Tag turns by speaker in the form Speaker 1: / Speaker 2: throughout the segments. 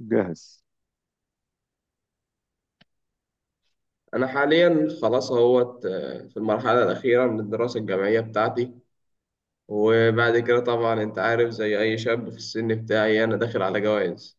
Speaker 1: جاهز.
Speaker 2: أنا حاليا خلاص اهوت في المرحلة الأخيرة من الدراسة الجامعية بتاعتي. وبعد كده طبعا أنت عارف زي أي شاب في السن بتاعي أنا داخل على جواز.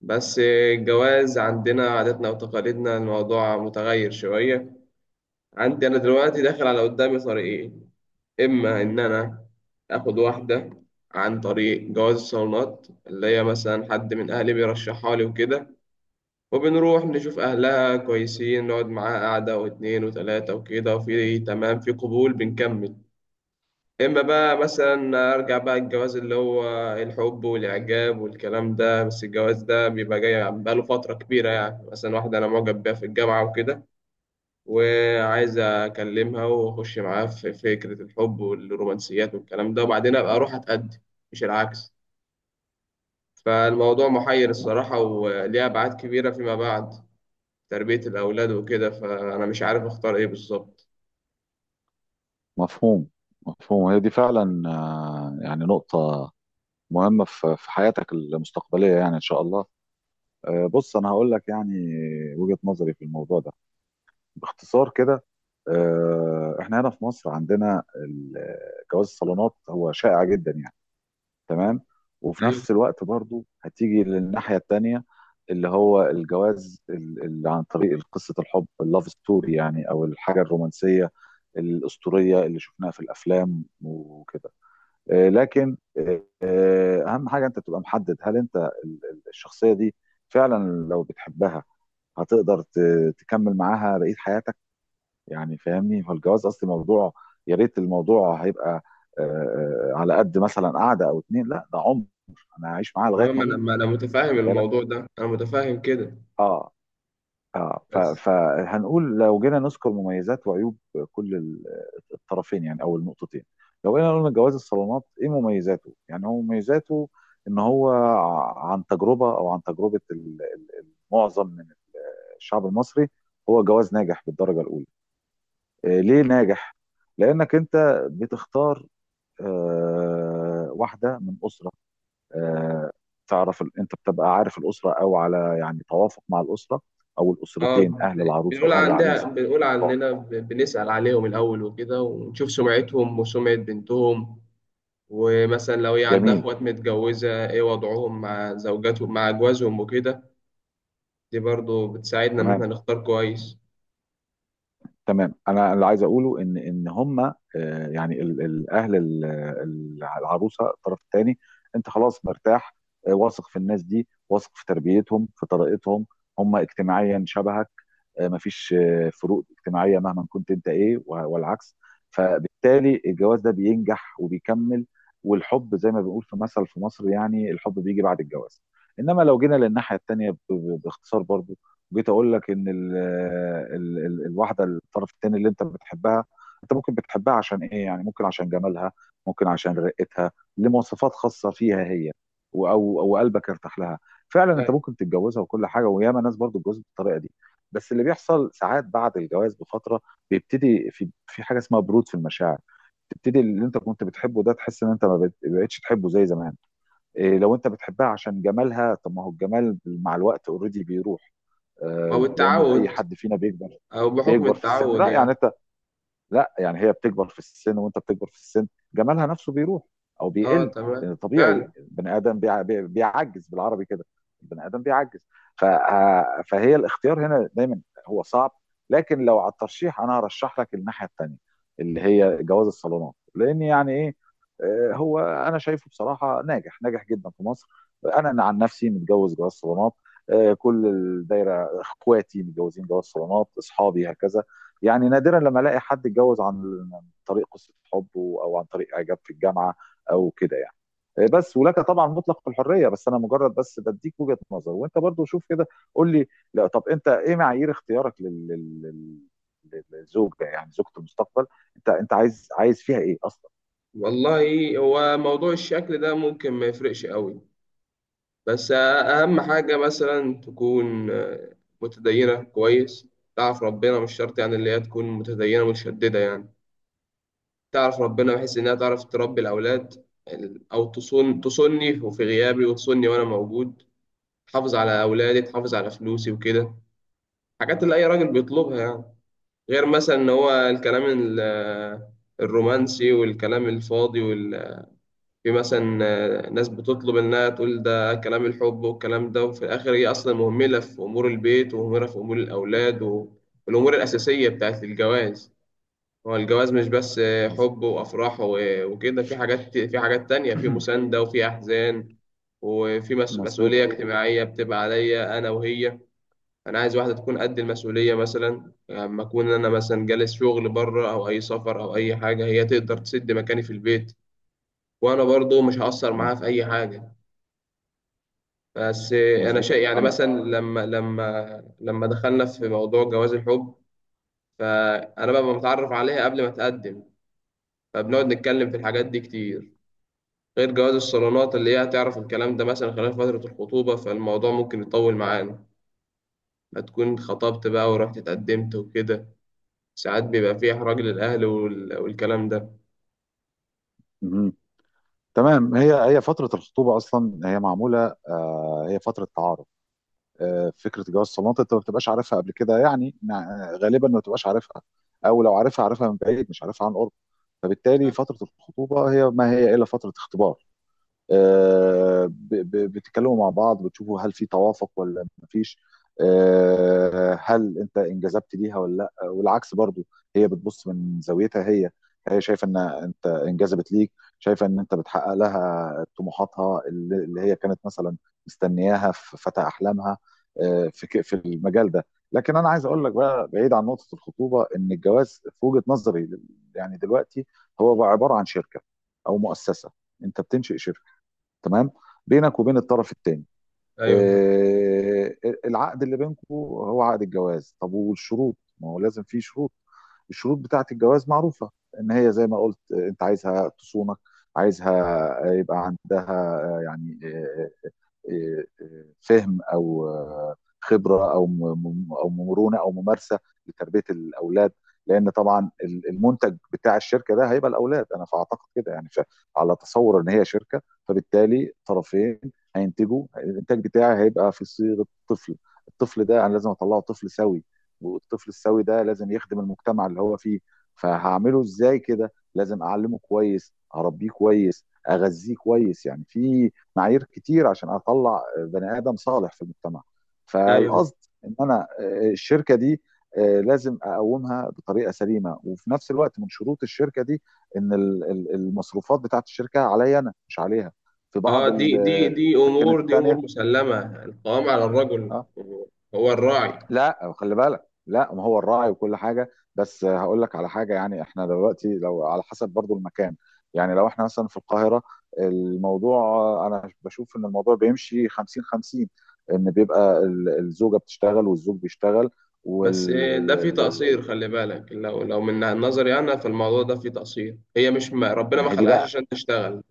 Speaker 2: بس الجواز عندنا عاداتنا وتقاليدنا، الموضوع متغير شوية. عندي أنا دلوقتي داخل، على قدامي طريقين: إما إن أنا آخد واحدة عن طريق جواز الصالونات، اللي هي مثلا حد من أهلي بيرشحها لي وكده، وبنروح نشوف أهلها كويسين، نقعد معاها قعدة واتنين وتلاتة وكده، وفي تمام في قبول بنكمل. إما بقى مثلا أرجع بقى الجواز اللي هو الحب والإعجاب والكلام ده، بس الجواز ده بيبقى جاي بقاله فترة كبيرة، يعني مثلا واحدة أنا معجب بيها في الجامعة وكده، وعايز أكلمها وأخش معاها في فكرة الحب والرومانسيات والكلام ده، وبعدين أبقى أروح أتقدم، مش العكس. فالموضوع محير الصراحة، وليه أبعاد كبيرة فيما بعد، تربية الأولاد وكده، فأنا مش عارف أختار إيه بالظبط.
Speaker 1: مفهوم. مفهوم، هي دي فعلا، يعني نقطة مهمة في حياتك المستقبلية، يعني إن شاء الله. بص، أنا هقول لك يعني وجهة نظري في الموضوع ده باختصار كده. إحنا هنا في مصر عندنا جواز الصالونات هو شائع جدا يعني. تمام. وفي
Speaker 2: أيوة.
Speaker 1: نفس الوقت برضو هتيجي للناحية التانية، اللي هو الجواز اللي عن طريق قصة الحب، اللاف ستوري يعني، او الحاجة الرومانسية الأسطورية اللي شفناها في الأفلام وكده. لكن أهم حاجة أنت تبقى محدد، هل أنت الشخصية دي فعلا لو بتحبها هتقدر تكمل معاها بقية حياتك، يعني فاهمني. هو الجواز اصل موضوع، يا ريت الموضوع هيبقى آه، على قد مثلا قعده او اتنين. لا، ده عمر انا هعيش معاها
Speaker 2: أه،
Speaker 1: لغايه ما
Speaker 2: ما أنا
Speaker 1: اموت.
Speaker 2: ما أنا متفاهم
Speaker 1: واخد بالك؟
Speaker 2: الموضوع ده، أنا متفاهم كده.
Speaker 1: اه، اه،
Speaker 2: بس
Speaker 1: فهنقول لو جينا نذكر مميزات وعيوب كل الطرفين، يعني او النقطتين. لو جينا قلنا جواز الصالونات ايه مميزاته، يعني هو مميزاته ان هو عن تجربه معظم من الشعب المصري، هو جواز ناجح بالدرجه الاولى. ليه ناجح؟ لأنك أنت بتختار واحدة من أسرة، آه، تعرف أنت بتبقى عارف الأسرة، أو على يعني توافق مع الأسرة أو
Speaker 2: أه،
Speaker 1: الأسرتين، أهل العروسة
Speaker 2: بنقول
Speaker 1: وأهل
Speaker 2: عندها،
Speaker 1: العريس.
Speaker 2: بنقول عننا، بنسأل عليهم الأول وكده، ونشوف سمعتهم وسمعة بنتهم، ومثلا لو هي عندها
Speaker 1: جميل.
Speaker 2: إخوات متجوزة إيه وضعهم مع زوجاتهم مع أجوازهم وكده. دي برضو بتساعدنا إن إحنا
Speaker 1: تمام.
Speaker 2: نختار كويس.
Speaker 1: تمام، أنا اللي عايز أقوله إن هما يعني أهل العروسة، الطرف الثاني، أنت خلاص مرتاح، واثق في الناس دي، واثق في تربيتهم في طريقتهم. هم اجتماعيا شبهك، مفيش فروق اجتماعيه مهما كنت انت ايه والعكس. فبالتالي الجواز ده بينجح وبيكمل، والحب زي ما بنقول في مثل في مصر يعني الحب بيجي بعد الجواز. انما لو جينا للناحيه التانيه، باختصار برضو، جيت اقول لك ان ال ال ال الواحده، الطرف التاني اللي انت بتحبها، انت ممكن بتحبها عشان ايه؟ يعني ممكن عشان جمالها، ممكن عشان رقتها، لمواصفات خاصه فيها هي، او قلبك ارتاح لها، فعلا انت
Speaker 2: أيوة.
Speaker 1: ممكن تتجوزها وكل حاجه، وياما ناس برضو اتجوزت بالطريقه دي. بس اللي بيحصل ساعات بعد الجواز بفتره بيبتدي في حاجه اسمها برود في المشاعر، تبتدي اللي انت كنت بتحبه ده تحس ان انت ما بقت- بقتش تحبه زي زمان. إيه؟ لو انت بتحبها عشان جمالها، طب ما هو الجمال مع الوقت اوريدي بيروح.
Speaker 2: أو
Speaker 1: لان اي
Speaker 2: التعود،
Speaker 1: حد فينا بيكبر
Speaker 2: أو بحكم
Speaker 1: بيكبر في السن،
Speaker 2: التعود يعني.
Speaker 1: لا يعني هي بتكبر في السن وانت بتكبر في السن، جمالها نفسه بيروح او
Speaker 2: أه،
Speaker 1: بيقل.
Speaker 2: تمام
Speaker 1: لان طبيعي
Speaker 2: فعلا.
Speaker 1: البني ادم بيعجز، بالعربي كده البني ادم بيعجز. فهي الاختيار هنا دايما هو صعب. لكن لو على الترشيح، انا هرشح لك الناحيه الثانيه، اللي هي جواز الصالونات. لان يعني ايه؟ هو انا شايفه بصراحه ناجح ناجح جدا في مصر. انا عن نفسي متجوز جواز صالونات، كل الدايره اخواتي متجوزين جواز صالونات، اصحابي، هكذا. يعني نادرا لما الاقي حد اتجوز عن طريق قصه حبه او عن طريق اعجاب في الجامعه او كده يعني. بس، ولك طبعا مطلق الحريه، بس انا مجرد بس بديك وجهه نظر، وانت برضو شوف كده. قول لي، لا طب، انت ايه معايير اختيارك للزوجه، يعني زوجه المستقبل، انت عايز فيها ايه اصلا؟
Speaker 2: والله هو موضوع الشكل ده ممكن ما يفرقش قوي، بس أهم حاجة مثلا تكون متدينة كويس، تعرف ربنا. مش شرط يعني اللي هي تكون متدينة متشددة، يعني تعرف ربنا بحيث إنها تعرف تربي الأولاد، أو تصون، تصوني وفي غيابي وتصوني وأنا موجود، تحافظ على أولادي، تحافظ على فلوسي وكده. حاجات اللي أي راجل بيطلبها يعني. غير مثلا إن هو الكلام الرومانسي والكلام الفاضي وال في مثلا، ناس بتطلب انها تقول ده كلام الحب والكلام ده، وفي الاخر هي اصلا مهمله في امور البيت، ومهمله في امور الاولاد والامور الاساسيه بتاعت الجواز. هو الجواز مش بس
Speaker 1: مظ-
Speaker 2: حب وافراح وكده، في حاجات، في حاجات تانية، في مسانده وفي احزان، وفي
Speaker 1: مظبوط.
Speaker 2: مسؤوليه اجتماعيه بتبقى عليا انا وهي. انا عايز واحده تكون قد المسؤوليه، مثلا لما اكون انا مثلا جالس شغل بره، او اي سفر او اي حاجه، هي تقدر تسد مكاني في البيت، وانا برضو مش هأثر معاها في اي حاجه. بس انا
Speaker 1: مظبوط
Speaker 2: شيء يعني،
Speaker 1: انا.
Speaker 2: مثلا لما دخلنا في موضوع جواز الحب، فانا بقى متعرف عليها قبل ما اتقدم، فبنقعد نتكلم في الحاجات دي كتير. غير جواز الصالونات اللي هي هتعرف الكلام ده مثلا خلال فتره الخطوبه، فالموضوع ممكن يطول معانا، ما تكون خطبت بقى ورحت اتقدمت وكده. ساعات بيبقى فيه احراج للاهل والكلام ده.
Speaker 1: مهم. تمام، هي هي فتره الخطوبه اصلا هي معموله، هي فتره تعارف. فكره جواز الصالونات انت ما بتبقاش عارفها قبل كده يعني، غالبا ما بتبقاش عارفها، او لو عارفها عارفها من بعيد مش عارفها عن قرب. فبالتالي فتره الخطوبه هي ما هي الا فتره اختبار، بتتكلموا مع بعض، بتشوفوا هل في توافق ولا مفيش، هل انت انجذبت ليها ولا لا والعكس برضو. هي بتبص من زاويتها هي، شايفه ان انت انجذبت ليك، شايفه ان انت بتحقق لها طموحاتها اللي هي كانت مثلا مستنياها في فتى احلامها، في المجال ده. لكن انا عايز اقول لك بقى، بعيد عن نقطه الخطوبه، ان الجواز في وجهه نظري يعني دلوقتي هو بقى عباره عن شركه او مؤسسه. انت بتنشئ شركه، تمام، بينك وبين الطرف الثاني.
Speaker 2: ايوه.
Speaker 1: آه، العقد اللي بينكم هو عقد الجواز، طب والشروط؟ ما هو لازم فيه شروط. الشروط بتاعة الجواز معروفة، ان هي زي ما قلت، انت عايزها تصونك، عايزها يبقى عندها آه، يعني آه، فهم او خبره او مرونه او ممارسه لتربيه الاولاد. لان طبعا المنتج بتاع الشركه ده هيبقى الاولاد، انا فاعتقد كده يعني، على تصور ان هي شركه. فبالتالي طرفين هينتجوا الانتاج بتاعي، هيبقى في صيغه طفل، الطفل ده انا لازم اطلعه طفل سوي، والطفل السوي ده لازم يخدم المجتمع اللي هو فيه. فهعمله ازاي كده؟ لازم اعلمه كويس، اربيه كويس، اغذيه كويس، يعني في معايير كتير عشان اطلع بني ادم صالح في المجتمع.
Speaker 2: ايوه.
Speaker 1: فالقصد ان انا، الشركه دي، لازم اقومها بطريقه سليمه، وفي نفس الوقت من شروط الشركه دي ان المصروفات بتاعت الشركه عليا انا مش عليها في
Speaker 2: اه،
Speaker 1: بعض
Speaker 2: دي دي دي
Speaker 1: الاماكن
Speaker 2: امور دي امور
Speaker 1: التانيه.
Speaker 2: مسلمه، القوام على الرجل،
Speaker 1: آه،
Speaker 2: هو الراعي.
Speaker 1: لا، خلي بالك، لا ما هو الراعي وكل حاجه، بس هقول لك على حاجه يعني، احنا دلوقتي لو على حسب برضو المكان يعني، لو احنا مثلا في القاهره، الموضوع انا بشوف ان الموضوع بيمشي 50 50. ان بيبقى الزوجه بتشتغل والزوج بيشتغل،
Speaker 2: بس
Speaker 1: وال
Speaker 2: ده
Speaker 1: ال-
Speaker 2: في
Speaker 1: ال-
Speaker 2: تقصير،
Speaker 1: ال-
Speaker 2: خلي بالك، لو من نظري انا فالموضوع ده في تقصير، هي مش، ما ربنا ما
Speaker 1: ما هي دي
Speaker 2: خلقهاش
Speaker 1: بقى.
Speaker 2: عشان تشتغل.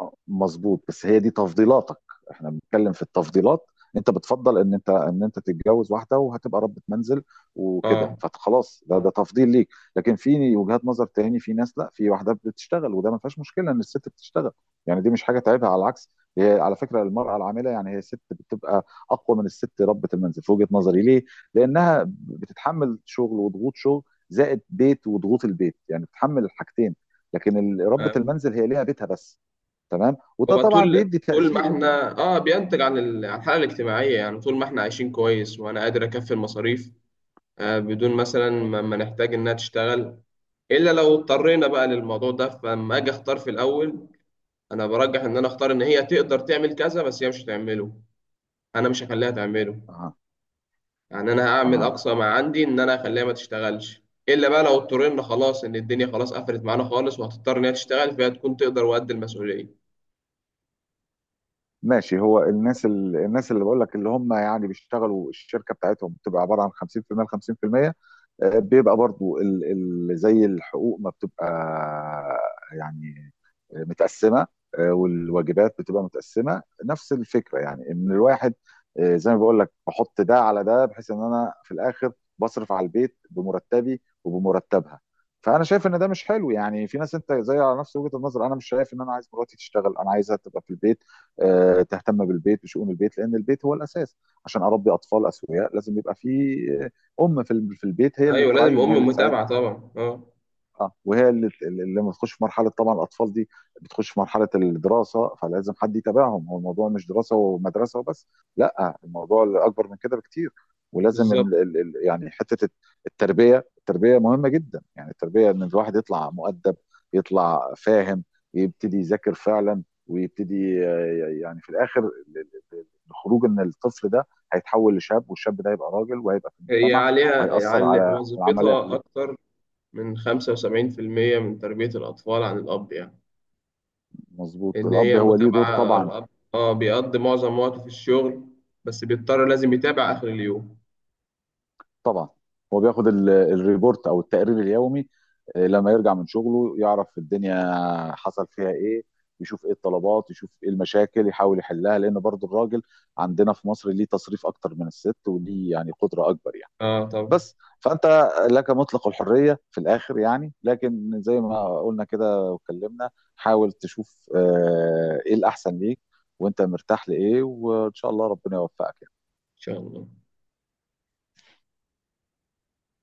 Speaker 1: مظبوط، بس هي دي تفضيلاتك، احنا بنتكلم في التفضيلات. انت بتفضل ان انت تتجوز واحده وهتبقى ربة منزل وكده،
Speaker 2: اه.
Speaker 1: فخلاص ده تفضيل ليك. لكن في وجهات نظر تاني، في ناس لا، في واحده بتشتغل، وده ما فيهاش مشكله ان الست بتشتغل، يعني دي مش حاجه تعيبها، على العكس. هي على فكره المراه العامله يعني، هي الست بتبقى اقوى من الست ربة المنزل في وجهه نظري. ليه؟ لانها بتتحمل شغل وضغوط شغل، زائد بيت وضغوط البيت، يعني بتتحمل الحاجتين. لكن ربة
Speaker 2: آه،
Speaker 1: المنزل هي ليها بيتها بس. تمام، وده
Speaker 2: هو
Speaker 1: طبعا
Speaker 2: طول
Speaker 1: بيدي
Speaker 2: طول ما
Speaker 1: تأثيره.
Speaker 2: احنا اه بينتج عن عن الحاله الاجتماعيه، يعني طول ما احنا عايشين كويس وانا قادر اكفي المصاريف، آه بدون مثلا ما نحتاج انها تشتغل، الا لو اضطرينا بقى للموضوع ده. فلما اجي اختار في الاول، انا برجح ان انا اختار ان هي تقدر تعمل كذا، بس هي مش هتعمله، انا مش هخليها تعمله.
Speaker 1: اه،
Speaker 2: يعني انا هعمل
Speaker 1: اه،
Speaker 2: اقصى ما عندي ان انا اخليها ما تشتغلش، الا بقى لو اضطرينا خلاص، ان الدنيا خلاص قفلت معانا خالص وهتضطر ان هي تشتغل، فهي تكون تقدر وقد المسؤوليه.
Speaker 1: ماشي. هو الناس الناس اللي بقول لك، اللي هم يعني بيشتغلوا، الشركه بتاعتهم بتبقى عباره عن 50% ل 50%، بيبقى برضو زي الحقوق ما بتبقى، يعني متقسمه، والواجبات بتبقى متقسمه نفس الفكره يعني. ان الواحد، زي ما بقول لك، بحط ده على ده، بحيث ان انا في الاخر بصرف على البيت بمرتبي وبمرتبها. فانا شايف ان ده مش حلو، يعني في ناس انت زي على نفس وجهه النظر، انا مش شايف ان انا عايز مراتي تشتغل، انا عايزها تبقى في البيت، تهتم بالبيت بشؤون البيت، لان البيت هو الاساس. عشان اربي اطفال اسوياء لازم يبقى في ام في في البيت، هي اللي
Speaker 2: ايوه، لازم
Speaker 1: تراعيهم، هي اللي
Speaker 2: ام
Speaker 1: تساعدهم.
Speaker 2: متابعه طبعا، اه.
Speaker 1: اه، وهي اللي لما بتخش في مرحله، طبعا الاطفال دي بتخش في مرحله الدراسه، فلازم حد يتابعهم. هو الموضوع مش دراسه ومدرسه وبس، لا الموضوع اكبر من كده بكتير. ولازم
Speaker 2: بالظبط،
Speaker 1: ال ال ال يعني حته التربيه، التربيه مهمه جدا يعني. التربيه ان الواحد يطلع مؤدب، يطلع فاهم، يبتدي يذاكر فعلا، ويبتدي يعني في الاخر الخروج، ان الطفل ده هيتحول لشاب، والشاب ده هيبقى راجل وهيبقى في
Speaker 2: هي
Speaker 1: المجتمع،
Speaker 2: عليها
Speaker 1: وهيأثر
Speaker 2: على
Speaker 1: على العمليه
Speaker 2: وظيفتها
Speaker 1: كلها.
Speaker 2: اكتر من 75% من تربيه الاطفال عن الاب يعني.
Speaker 1: مظبوط،
Speaker 2: ان
Speaker 1: الاب
Speaker 2: هي
Speaker 1: هو ليه دور
Speaker 2: متابعه
Speaker 1: طبعا.
Speaker 2: الاب. اه، بيقضي معظم وقته في الشغل، بس بيضطر لازم يتابع اخر اليوم.
Speaker 1: طبعا هو بياخد الريبورت او التقرير اليومي، لما يرجع من شغله يعرف الدنيا حصل فيها ايه، يشوف ايه الطلبات، يشوف ايه المشاكل، يحاول يحلها، لان برضو الراجل عندنا في مصر ليه تصريف اكتر من الست، وليه يعني قدرة اكبر يعني.
Speaker 2: اه طبعا، ان
Speaker 1: بس فانت لك مطلق الحرية في الاخر يعني، لكن زي ما قلنا كده واتكلمنا، حاول تشوف ايه الاحسن ليك وانت مرتاح لايه، وان شاء الله ربنا يوفقك يعني.
Speaker 2: شاء الله.